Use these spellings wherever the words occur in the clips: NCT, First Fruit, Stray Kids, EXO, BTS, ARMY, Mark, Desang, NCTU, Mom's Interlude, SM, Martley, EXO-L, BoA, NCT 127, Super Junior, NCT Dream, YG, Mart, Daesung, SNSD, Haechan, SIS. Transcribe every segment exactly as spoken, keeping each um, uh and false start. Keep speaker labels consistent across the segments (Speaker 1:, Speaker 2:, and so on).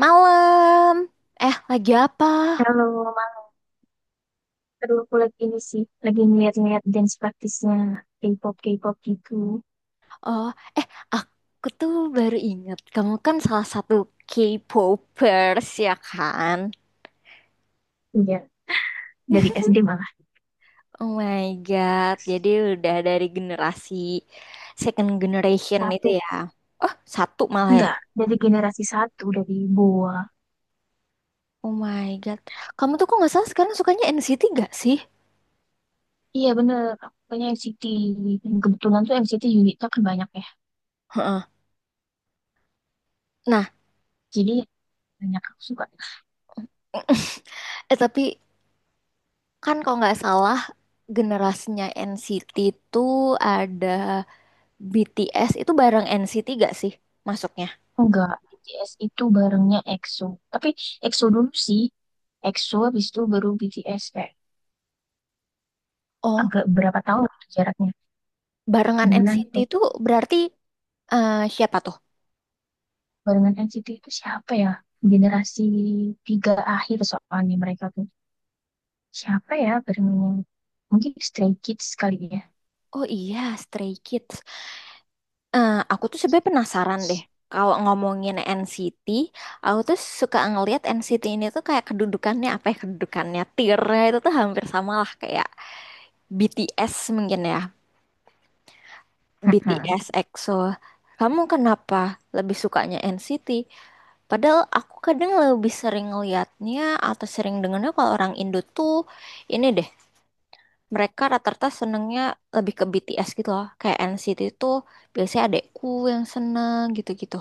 Speaker 1: Malam. Eh, lagi apa?
Speaker 2: Kalau malam, aduh, aku lagi ini sih, lagi ngeliat-ngeliat dance praktisnya K-pop, K-pop gitu.
Speaker 1: Oh, eh, aku tuh baru ingat, kamu kan salah satu K-popers, ya kan?
Speaker 2: Iya, dari S D malah.
Speaker 1: Oh my God. Jadi udah dari generasi second generation itu
Speaker 2: Satu,
Speaker 1: ya. Oh, satu malah ya.
Speaker 2: enggak, dari generasi satu, dari BoA.
Speaker 1: Oh my God. Kamu tuh kok nggak salah sekarang sukanya N C T gak sih?
Speaker 2: Iya bener, aku punya N C T. Dan kebetulan tuh N C T unitnya kan banyak ya.
Speaker 1: Heeh. Nah,
Speaker 2: Jadi banyak aku suka.
Speaker 1: eh, tapi kan kalau nggak salah generasinya N C T tuh ada B T S itu bareng N C T gak sih masuknya?
Speaker 2: Enggak, B T S itu barengnya EXO. Tapi EXO dulu sih, EXO habis itu baru B T S kayak
Speaker 1: Oh,
Speaker 2: agak berapa tahun gitu jaraknya.
Speaker 1: barengan
Speaker 2: Bulan
Speaker 1: N C T
Speaker 2: atau
Speaker 1: itu berarti eh, siapa tuh?
Speaker 2: barengan N C T itu siapa ya? Generasi tiga akhir soalnya mereka tuh. Siapa ya barengannya? Mungkin Stray Kids kali ya.
Speaker 1: Oh iya, Stray Kids. Eh, aku tuh sebenarnya penasaran deh. Kalau ngomongin N C T, aku tuh suka ngelihat N C T ini tuh kayak kedudukannya, apa ya, kedudukannya tiernya itu tuh hampir sama lah kayak B T S mungkin ya.
Speaker 2: Mm.
Speaker 1: B T S, EXO. Kamu kenapa lebih sukanya N C T? Padahal aku kadang lebih sering liatnya atau sering dengarnya kalau orang Indo tuh ini deh, mereka rata-rata senengnya lebih ke B T S gitu loh. Kayak N C T itu biasanya adekku yang seneng gitu-gitu.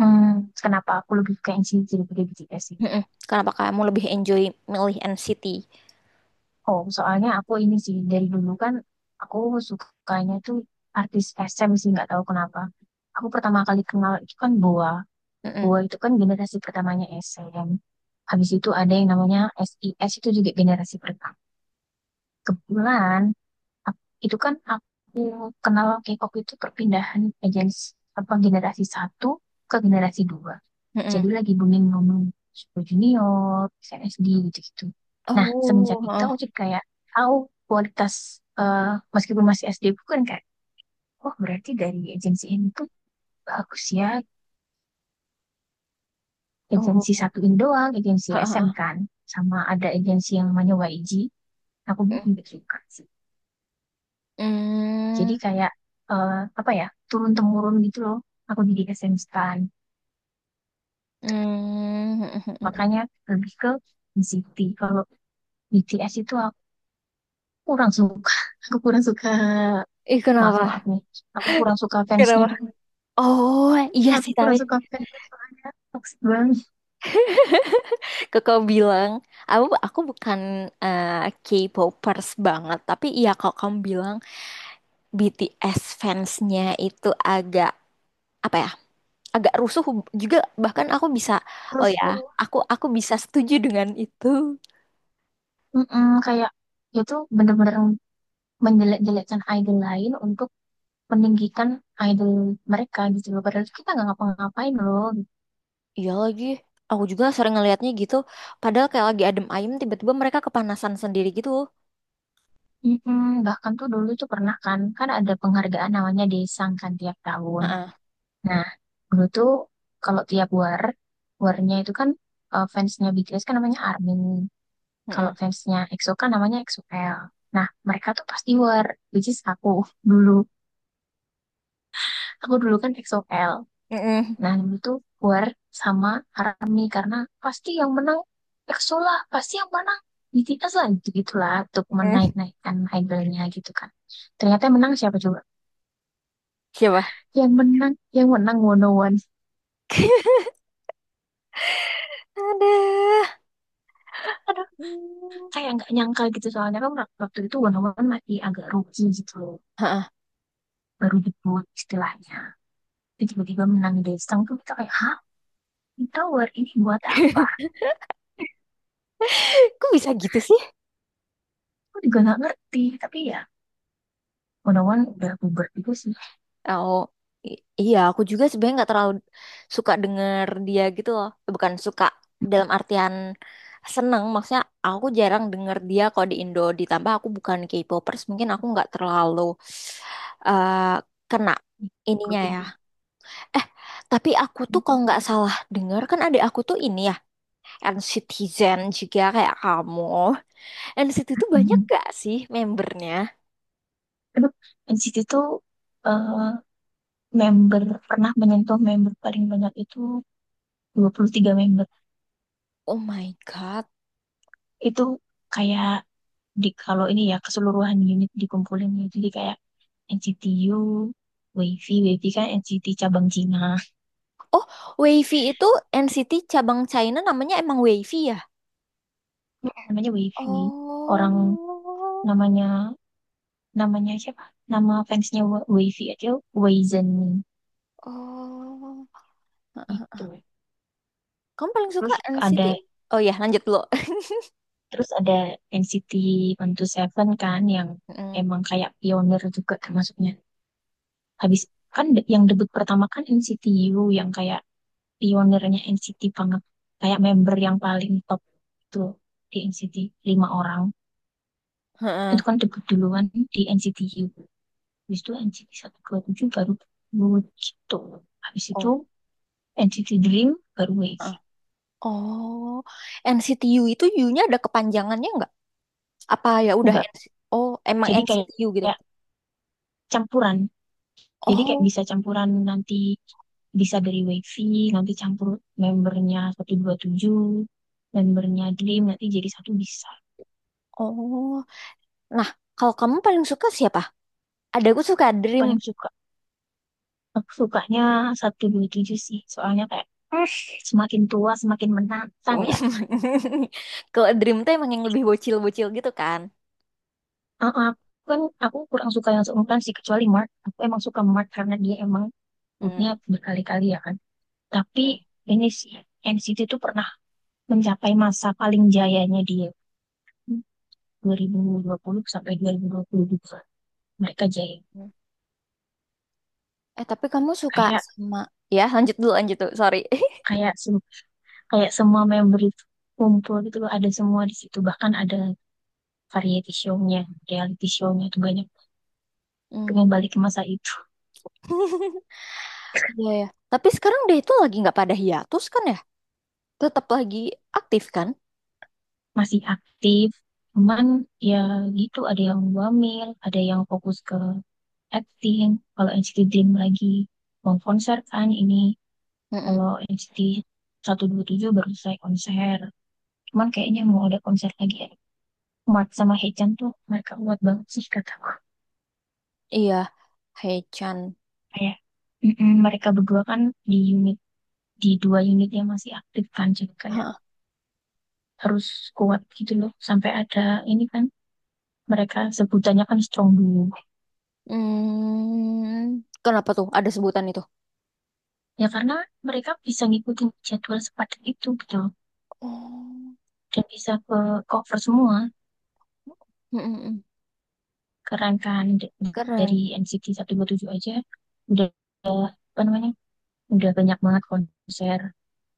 Speaker 2: Hmm, kenapa aku lebih suka N C T daripada B T S sih?
Speaker 1: Mm-mm. Kenapa kamu lebih enjoy milih N C T?
Speaker 2: Oh, soalnya aku ini sih dari dulu kan aku sukanya tuh artis S M sih nggak tahu kenapa. Aku pertama kali kenal itu kan Boa.
Speaker 1: Mm-mm.
Speaker 2: Boa itu kan generasi pertamanya S M. Habis itu ada yang namanya S I S itu juga generasi pertama. Kebetulan, Ak- itu kan aku kenal K-pop itu perpindahan agensi apa generasi satu ke generasi dua.
Speaker 1: Mm-mm.
Speaker 2: Jadi lagi booming booming Super Junior, S N S D gitu-gitu. Nah, semenjak
Speaker 1: Oh,
Speaker 2: itu
Speaker 1: heeh.
Speaker 2: aku jadi kayak tahu kualitas, eh, meskipun masih S D bukan kayak oh berarti dari agensi ini tuh bagus ya. Agensi
Speaker 1: Oh,
Speaker 2: satu ini doang, agensi S M
Speaker 1: heeh.
Speaker 2: kan. Sama ada agensi yang namanya Y G. Aku belum juga suka. Jadi
Speaker 1: Mm,
Speaker 2: kayak, eh, apa ya, turun temurun gitu loh. Aku jadi S M stan.
Speaker 1: mm, mm, mm, mm.
Speaker 2: Makanya lebih ke N C T. Kalau B T S itu aku kurang suka. Aku kurang suka.
Speaker 1: Ih,
Speaker 2: Maaf maaf
Speaker 1: kenapa?
Speaker 2: nih. Aku kurang suka fansnya.
Speaker 1: Kenapa? Oh, iya
Speaker 2: Aku
Speaker 1: sih tapi
Speaker 2: kurang suka fansnya soalnya toxic banget.
Speaker 1: Kakak bilang, aku aku bukan eh, K-popers banget, tapi ya kalau kamu bilang B T S fansnya itu agak, apa ya, agak rusuh juga. Bahkan aku bisa, oh
Speaker 2: Terus
Speaker 1: ya,
Speaker 2: tuh,
Speaker 1: aku aku bisa setuju dengan itu.
Speaker 2: mm-mm, kayak dia tuh bener-bener menjelek-jelekkan idol lain untuk meninggikan idol mereka gitu loh. Padahal kita nggak ngapa-ngapain loh.
Speaker 1: Iya lagi, aku juga sering ngelihatnya gitu. Padahal kayak lagi adem ayem, tiba-tiba mereka kepanasan sendiri gitu.
Speaker 2: Mm-mm, bahkan tuh dulu tuh pernah kan, kan ada penghargaan namanya Desang kan tiap tahun.
Speaker 1: Heeh,
Speaker 2: Nah, dulu tuh kalau tiap war, warnya itu kan, eh, fansnya B T S kan namanya ARMY. Kalau
Speaker 1: heeh,
Speaker 2: fansnya EXO kan namanya EXO-L. Nah, mereka tuh pasti war, which is aku dulu. Aku dulu kan EXO-L.
Speaker 1: heeh,
Speaker 2: Nah, dulu tuh war sama ARMY karena pasti yang menang EXO lah, pasti yang menang B T S lah, gitu-gitulah untuk
Speaker 1: heeh.
Speaker 2: menaik-naikkan idolnya gitu kan. Ternyata yang menang siapa coba?
Speaker 1: Siapa?
Speaker 2: yang menang yang menang Wono One,
Speaker 1: Ada.
Speaker 2: aduh,
Speaker 1: Hmm.
Speaker 2: kayak nggak nyangka gitu soalnya kan waktu itu Wono One masih agak rookie gitu loh
Speaker 1: Heeh.
Speaker 2: baru debut istilahnya. Terus tiba-tiba menang Daesung tuh kita kayak hah Twin Tower ini buat apa.
Speaker 1: Kok bisa gitu sih?
Speaker 2: Aku juga nggak ngerti tapi ya Wono One udah bubar juga sih.
Speaker 1: Oh, i- iya, aku juga sebenarnya nggak terlalu suka denger dia gitu loh. Bukan suka dalam artian seneng, maksudnya aku jarang denger dia kalau di Indo. Ditambah aku bukan K-popers, mungkin aku nggak terlalu eh, kena ininya
Speaker 2: Ikutin
Speaker 1: ya.
Speaker 2: ya.
Speaker 1: Eh, tapi aku tuh kalau nggak salah denger kan ada aku tuh ini ya, NCTzen juga kayak kamu. N C T tuh banyak
Speaker 2: Mhm.
Speaker 1: gak sih membernya?
Speaker 2: Aduh, N C T tuh, eh, member pernah menyentuh member paling banyak itu dua puluh tiga member.
Speaker 1: Oh my God.
Speaker 2: Itu kayak di kalau ini ya keseluruhan unit dikumpulin ya jadi kayak N C T U, Wavy. Wavy kan N C T cabang Cina.
Speaker 1: Oh, Wavy itu N C T cabang China namanya emang Wavy ya?
Speaker 2: Namanya Wavy. Orang
Speaker 1: Oh,
Speaker 2: namanya namanya siapa? Nama fansnya Wa- Wavy aja Wazen
Speaker 1: oh, heeh.
Speaker 2: gitu.
Speaker 1: Kamu paling suka
Speaker 2: Terus
Speaker 1: N C T?
Speaker 2: ada
Speaker 1: Oh ya, lanjut dulu.
Speaker 2: terus ada N C T one twenty seven kan yang
Speaker 1: Mm.
Speaker 2: emang kayak pionir juga termasuknya. Habis kan de- yang debut pertama kan N C T U yang kayak pionirnya N C T banget. Kayak member yang paling top itu di N C T lima orang.
Speaker 1: Heeh,
Speaker 2: Itu kan debut duluan di N C T U habis itu N C T satu dua tujuh baru Wood gitu habis itu
Speaker 1: oh,
Speaker 2: N C T Dream baru Wave.
Speaker 1: heeh. Oh, N C T U itu U-nya ada kepanjangannya nggak? Apa ya udah
Speaker 2: Enggak,
Speaker 1: N C T? Oh, emang
Speaker 2: jadi kayak,
Speaker 1: N C T U gitu.
Speaker 2: kayak campuran. Jadi kayak
Speaker 1: Oh,
Speaker 2: bisa campuran, nanti bisa dari Wavy nanti campur membernya satu dua tujuh membernya Dream nanti jadi satu bisa.
Speaker 1: oh. Nah, kalau kamu paling suka siapa? Ada, aku suka Dream.
Speaker 2: Paling suka, aku sukanya satu dua tujuh sih soalnya kayak, "Hmm, semakin tua semakin menantang ya."
Speaker 1: Kalau Dream tuh emang yang lebih bocil-bocil gitu kan.
Speaker 2: Ah, ah, aku kan aku kurang suka yang seumuran sih kecuali Mark. Aku emang suka Mark karena dia emang
Speaker 1: Hmm.
Speaker 2: grupnya berkali-kali ya kan. Tapi
Speaker 1: Hmm.
Speaker 2: ini sih N C T itu pernah mencapai masa paling jayanya dia dua ribu dua puluh sampai dua ribu dua puluh dua. Mereka jaya.
Speaker 1: Hmm. Eh, tapi kamu suka
Speaker 2: Kayak
Speaker 1: sama, ya, lanjut dulu, lanjut dulu. Sorry.
Speaker 2: kayak sem- kayak semua member itu kumpul gitu loh, ada semua di situ. Bahkan ada variety show-nya, reality show-nya itu banyak
Speaker 1: Hmm.
Speaker 2: kembali ke masa itu.
Speaker 1: Iya ya. Tapi sekarang dia itu lagi nggak pada hiatus kan ya? Tetap lagi aktif kan?
Speaker 2: Masih aktif. Cuman ya gitu, ada yang wamil, ada yang fokus ke acting. Kalau N C T Dream lagi mau konser kan ini.
Speaker 1: Mm-mm.
Speaker 2: Kalau N C T satu dua tujuh baru selesai konser. Cuman kayaknya mau ada konser lagi ya. Mat sama Haechan tuh mereka kuat banget sih kataku.
Speaker 1: Iya. Hei-chan.
Speaker 2: Kayak, mm-mm, mereka berdua kan di unit di dua unit yang masih aktif kan jadi kayak
Speaker 1: Hah.
Speaker 2: harus kuat gitu loh sampai ada ini kan mereka sebutannya kan strong duo.
Speaker 1: Hmm. Kenapa tuh ada sebutan itu?
Speaker 2: Ya karena mereka bisa ngikutin jadwal sepadat itu gitu
Speaker 1: Oh.
Speaker 2: dan bisa ke cover semua
Speaker 1: Mm-mm-mm.
Speaker 2: kerangkaan D-
Speaker 1: Keren.
Speaker 2: dari N C T satu dua tujuh aja udah apa namanya udah banyak banget konser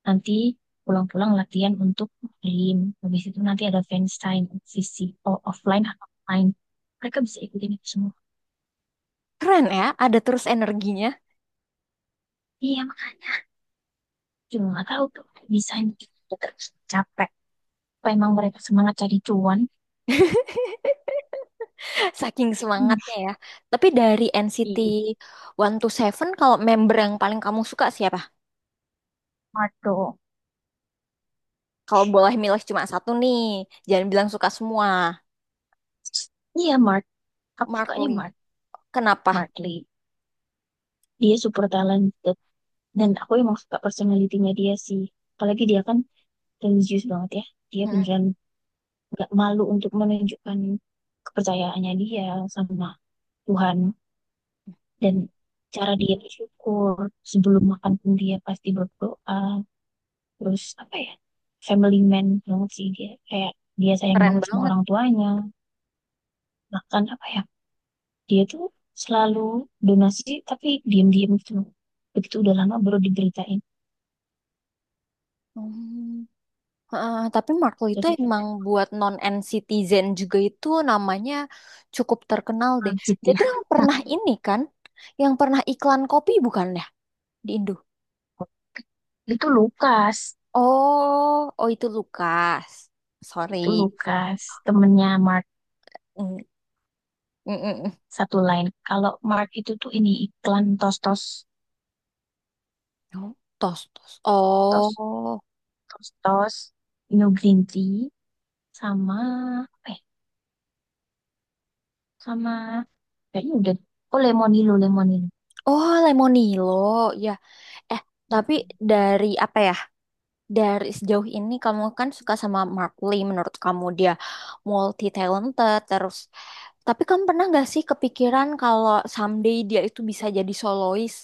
Speaker 2: nanti pulang-pulang latihan untuk Dream habis itu nanti ada fans time V C O offline atau online mereka bisa ikutin itu semua.
Speaker 1: Keren ya, ada terus energinya.
Speaker 2: Iya, makanya juga nggak tahu tuh bisa terus capek apa emang mereka semangat cari cuan.
Speaker 1: Saking
Speaker 2: Hmm.
Speaker 1: semangatnya ya. Tapi dari N C T
Speaker 2: Iya,
Speaker 1: Seven kalau member yang paling kamu suka siapa?
Speaker 2: Mart dong.
Speaker 1: Kalau boleh milih cuma satu nih, jangan bilang suka semua.
Speaker 2: Iya Mart, aku
Speaker 1: Mark
Speaker 2: sukanya
Speaker 1: Lee.
Speaker 2: Mart.
Speaker 1: Kenapa?
Speaker 2: Martley. Dia super talented dan
Speaker 1: Hmm.
Speaker 2: aku emang suka personalitinya dia sih. Apalagi dia kan religius banget ya. Dia
Speaker 1: Mm-mm.
Speaker 2: beneran nggak malu untuk menunjukkan kepercayaannya dia sama Tuhan dan cara dia bersyukur sebelum makan pun dia pasti berdoa. Terus apa ya? Family man banget sih dia. Kayak dia sayang
Speaker 1: Keren
Speaker 2: banget sama
Speaker 1: banget.
Speaker 2: orang tuanya. Bahkan apa ya? Dia tuh selalu donasi tapi diam-diam gitu. Begitu udah lama baru diberitain.
Speaker 1: Hmm. Heeh, tapi Mark Lee itu
Speaker 2: Jadi
Speaker 1: emang buat non-N-citizen juga itu namanya cukup terkenal deh.
Speaker 2: Majid
Speaker 1: Dia
Speaker 2: ya.
Speaker 1: tuh yang
Speaker 2: Hmm,
Speaker 1: pernah ini kan, yang pernah iklan kopi bukan ya di Indo?
Speaker 2: itu Lukas.
Speaker 1: Oh, oh itu Lukas. Sorry.
Speaker 2: Itu Lukas. Temennya Mark.
Speaker 1: Mm, mm, mm, mm.
Speaker 2: Satu lain. Kalau Mark itu tuh ini iklan tos-tos.
Speaker 1: Oh, tos, tos.
Speaker 2: Tos.
Speaker 1: Oh,
Speaker 2: Tos-tos. New Green Tea. Sama. Apa ya? Sama. Kayaknya udah. Oh Lemonilo. Lemonilo.
Speaker 1: oh Lemonilo. Ya, eh tapi dari apa ya? Dari sejauh ini kamu kan suka sama Mark Lee, menurut kamu dia multi talented terus. Tapi kamu pernah nggak sih kepikiran kalau someday dia itu bisa jadi solois?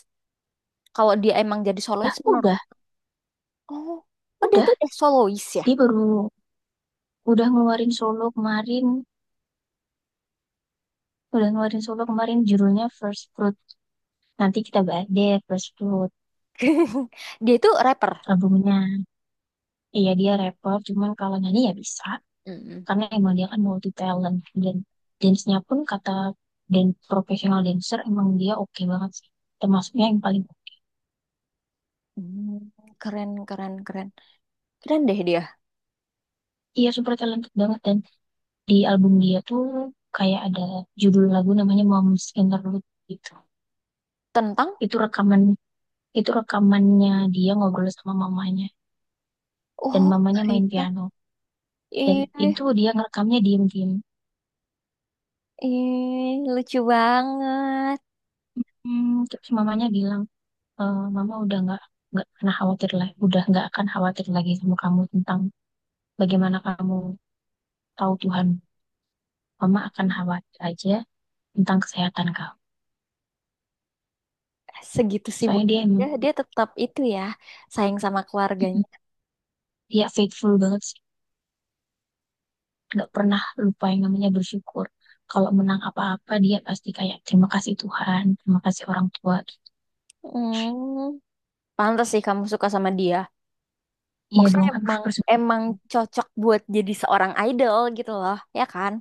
Speaker 1: Kalau dia emang jadi solois
Speaker 2: Lah
Speaker 1: menurut,
Speaker 2: udah.
Speaker 1: oh, oh dia
Speaker 2: Udah.
Speaker 1: tuh udah solois ya.
Speaker 2: Dia baru. Udah ngeluarin solo kemarin. Udah ngeluarin solo kemarin. Judulnya First Fruit. Nanti kita bahas deh First Fruit.
Speaker 1: Dia itu rapper.
Speaker 2: Albumnya. Iya dia rapper. Cuman kalau nyanyi ya bisa.
Speaker 1: Mm-mm.
Speaker 2: Karena emang dia kan multi talent dan dance-nya pun kata, dan profesional dancer emang dia oke banget sih termasuknya yang paling.
Speaker 1: Hmm, keren keren keren. Keren deh dia.
Speaker 2: Iya super talented banget dan di album dia tuh kayak ada judul lagu namanya Mom's Interlude gitu.
Speaker 1: Tentang,
Speaker 2: Itu rekaman itu rekamannya dia ngobrol sama mamanya dan
Speaker 1: oh
Speaker 2: mamanya
Speaker 1: my
Speaker 2: main
Speaker 1: God.
Speaker 2: piano dan
Speaker 1: Ih,
Speaker 2: itu dia ngerekamnya diem-diem.
Speaker 1: Ih, lucu banget.
Speaker 2: Hmm, terus mamanya bilang, e, mama udah nggak nggak pernah khawatir lagi udah nggak akan khawatir lagi sama kamu tentang bagaimana kamu tahu Tuhan mama akan khawatir aja tentang kesehatan kamu.
Speaker 1: Segitu sibuk
Speaker 2: Soalnya dia emang
Speaker 1: dia, dia tetap itu ya, sayang sama keluarganya.
Speaker 2: dia faithful banget sih nggak pernah lupa yang namanya bersyukur. Kalau menang apa-apa dia pasti kayak terima kasih Tuhan terima kasih orang tua.
Speaker 1: Hmm, pantas sih kamu suka sama dia.
Speaker 2: Iya dong,
Speaker 1: Maksudnya
Speaker 2: aduh,
Speaker 1: emang
Speaker 2: bersyukur.
Speaker 1: emang cocok buat jadi seorang idol gitu loh, ya kan?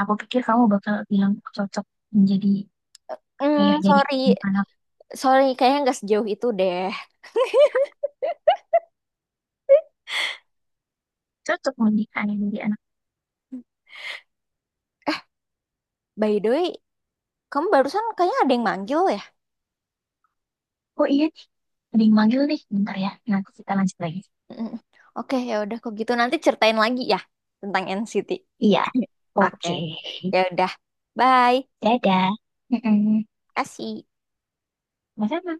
Speaker 2: Aku pikir kamu bakal bilang cocok menjadi ayah
Speaker 1: Hmm,
Speaker 2: dari
Speaker 1: sorry,
Speaker 2: anak
Speaker 1: sorry, kayaknya nggak sejauh itu deh.
Speaker 2: cocok menjadi ayah dari anak.
Speaker 1: By the way, kamu barusan kayaknya ada yang manggil ya?
Speaker 2: Oh iya nih, ada yang manggil nih, bentar ya nanti kita lanjut lagi.
Speaker 1: Mm, oke, ya udah kok gitu nanti ceritain lagi ya tentang N C T.
Speaker 2: Iya,
Speaker 1: Oke,
Speaker 2: oke.
Speaker 1: ya udah, bye,
Speaker 2: Dadah. Mm-mm.
Speaker 1: kasih.
Speaker 2: Sama.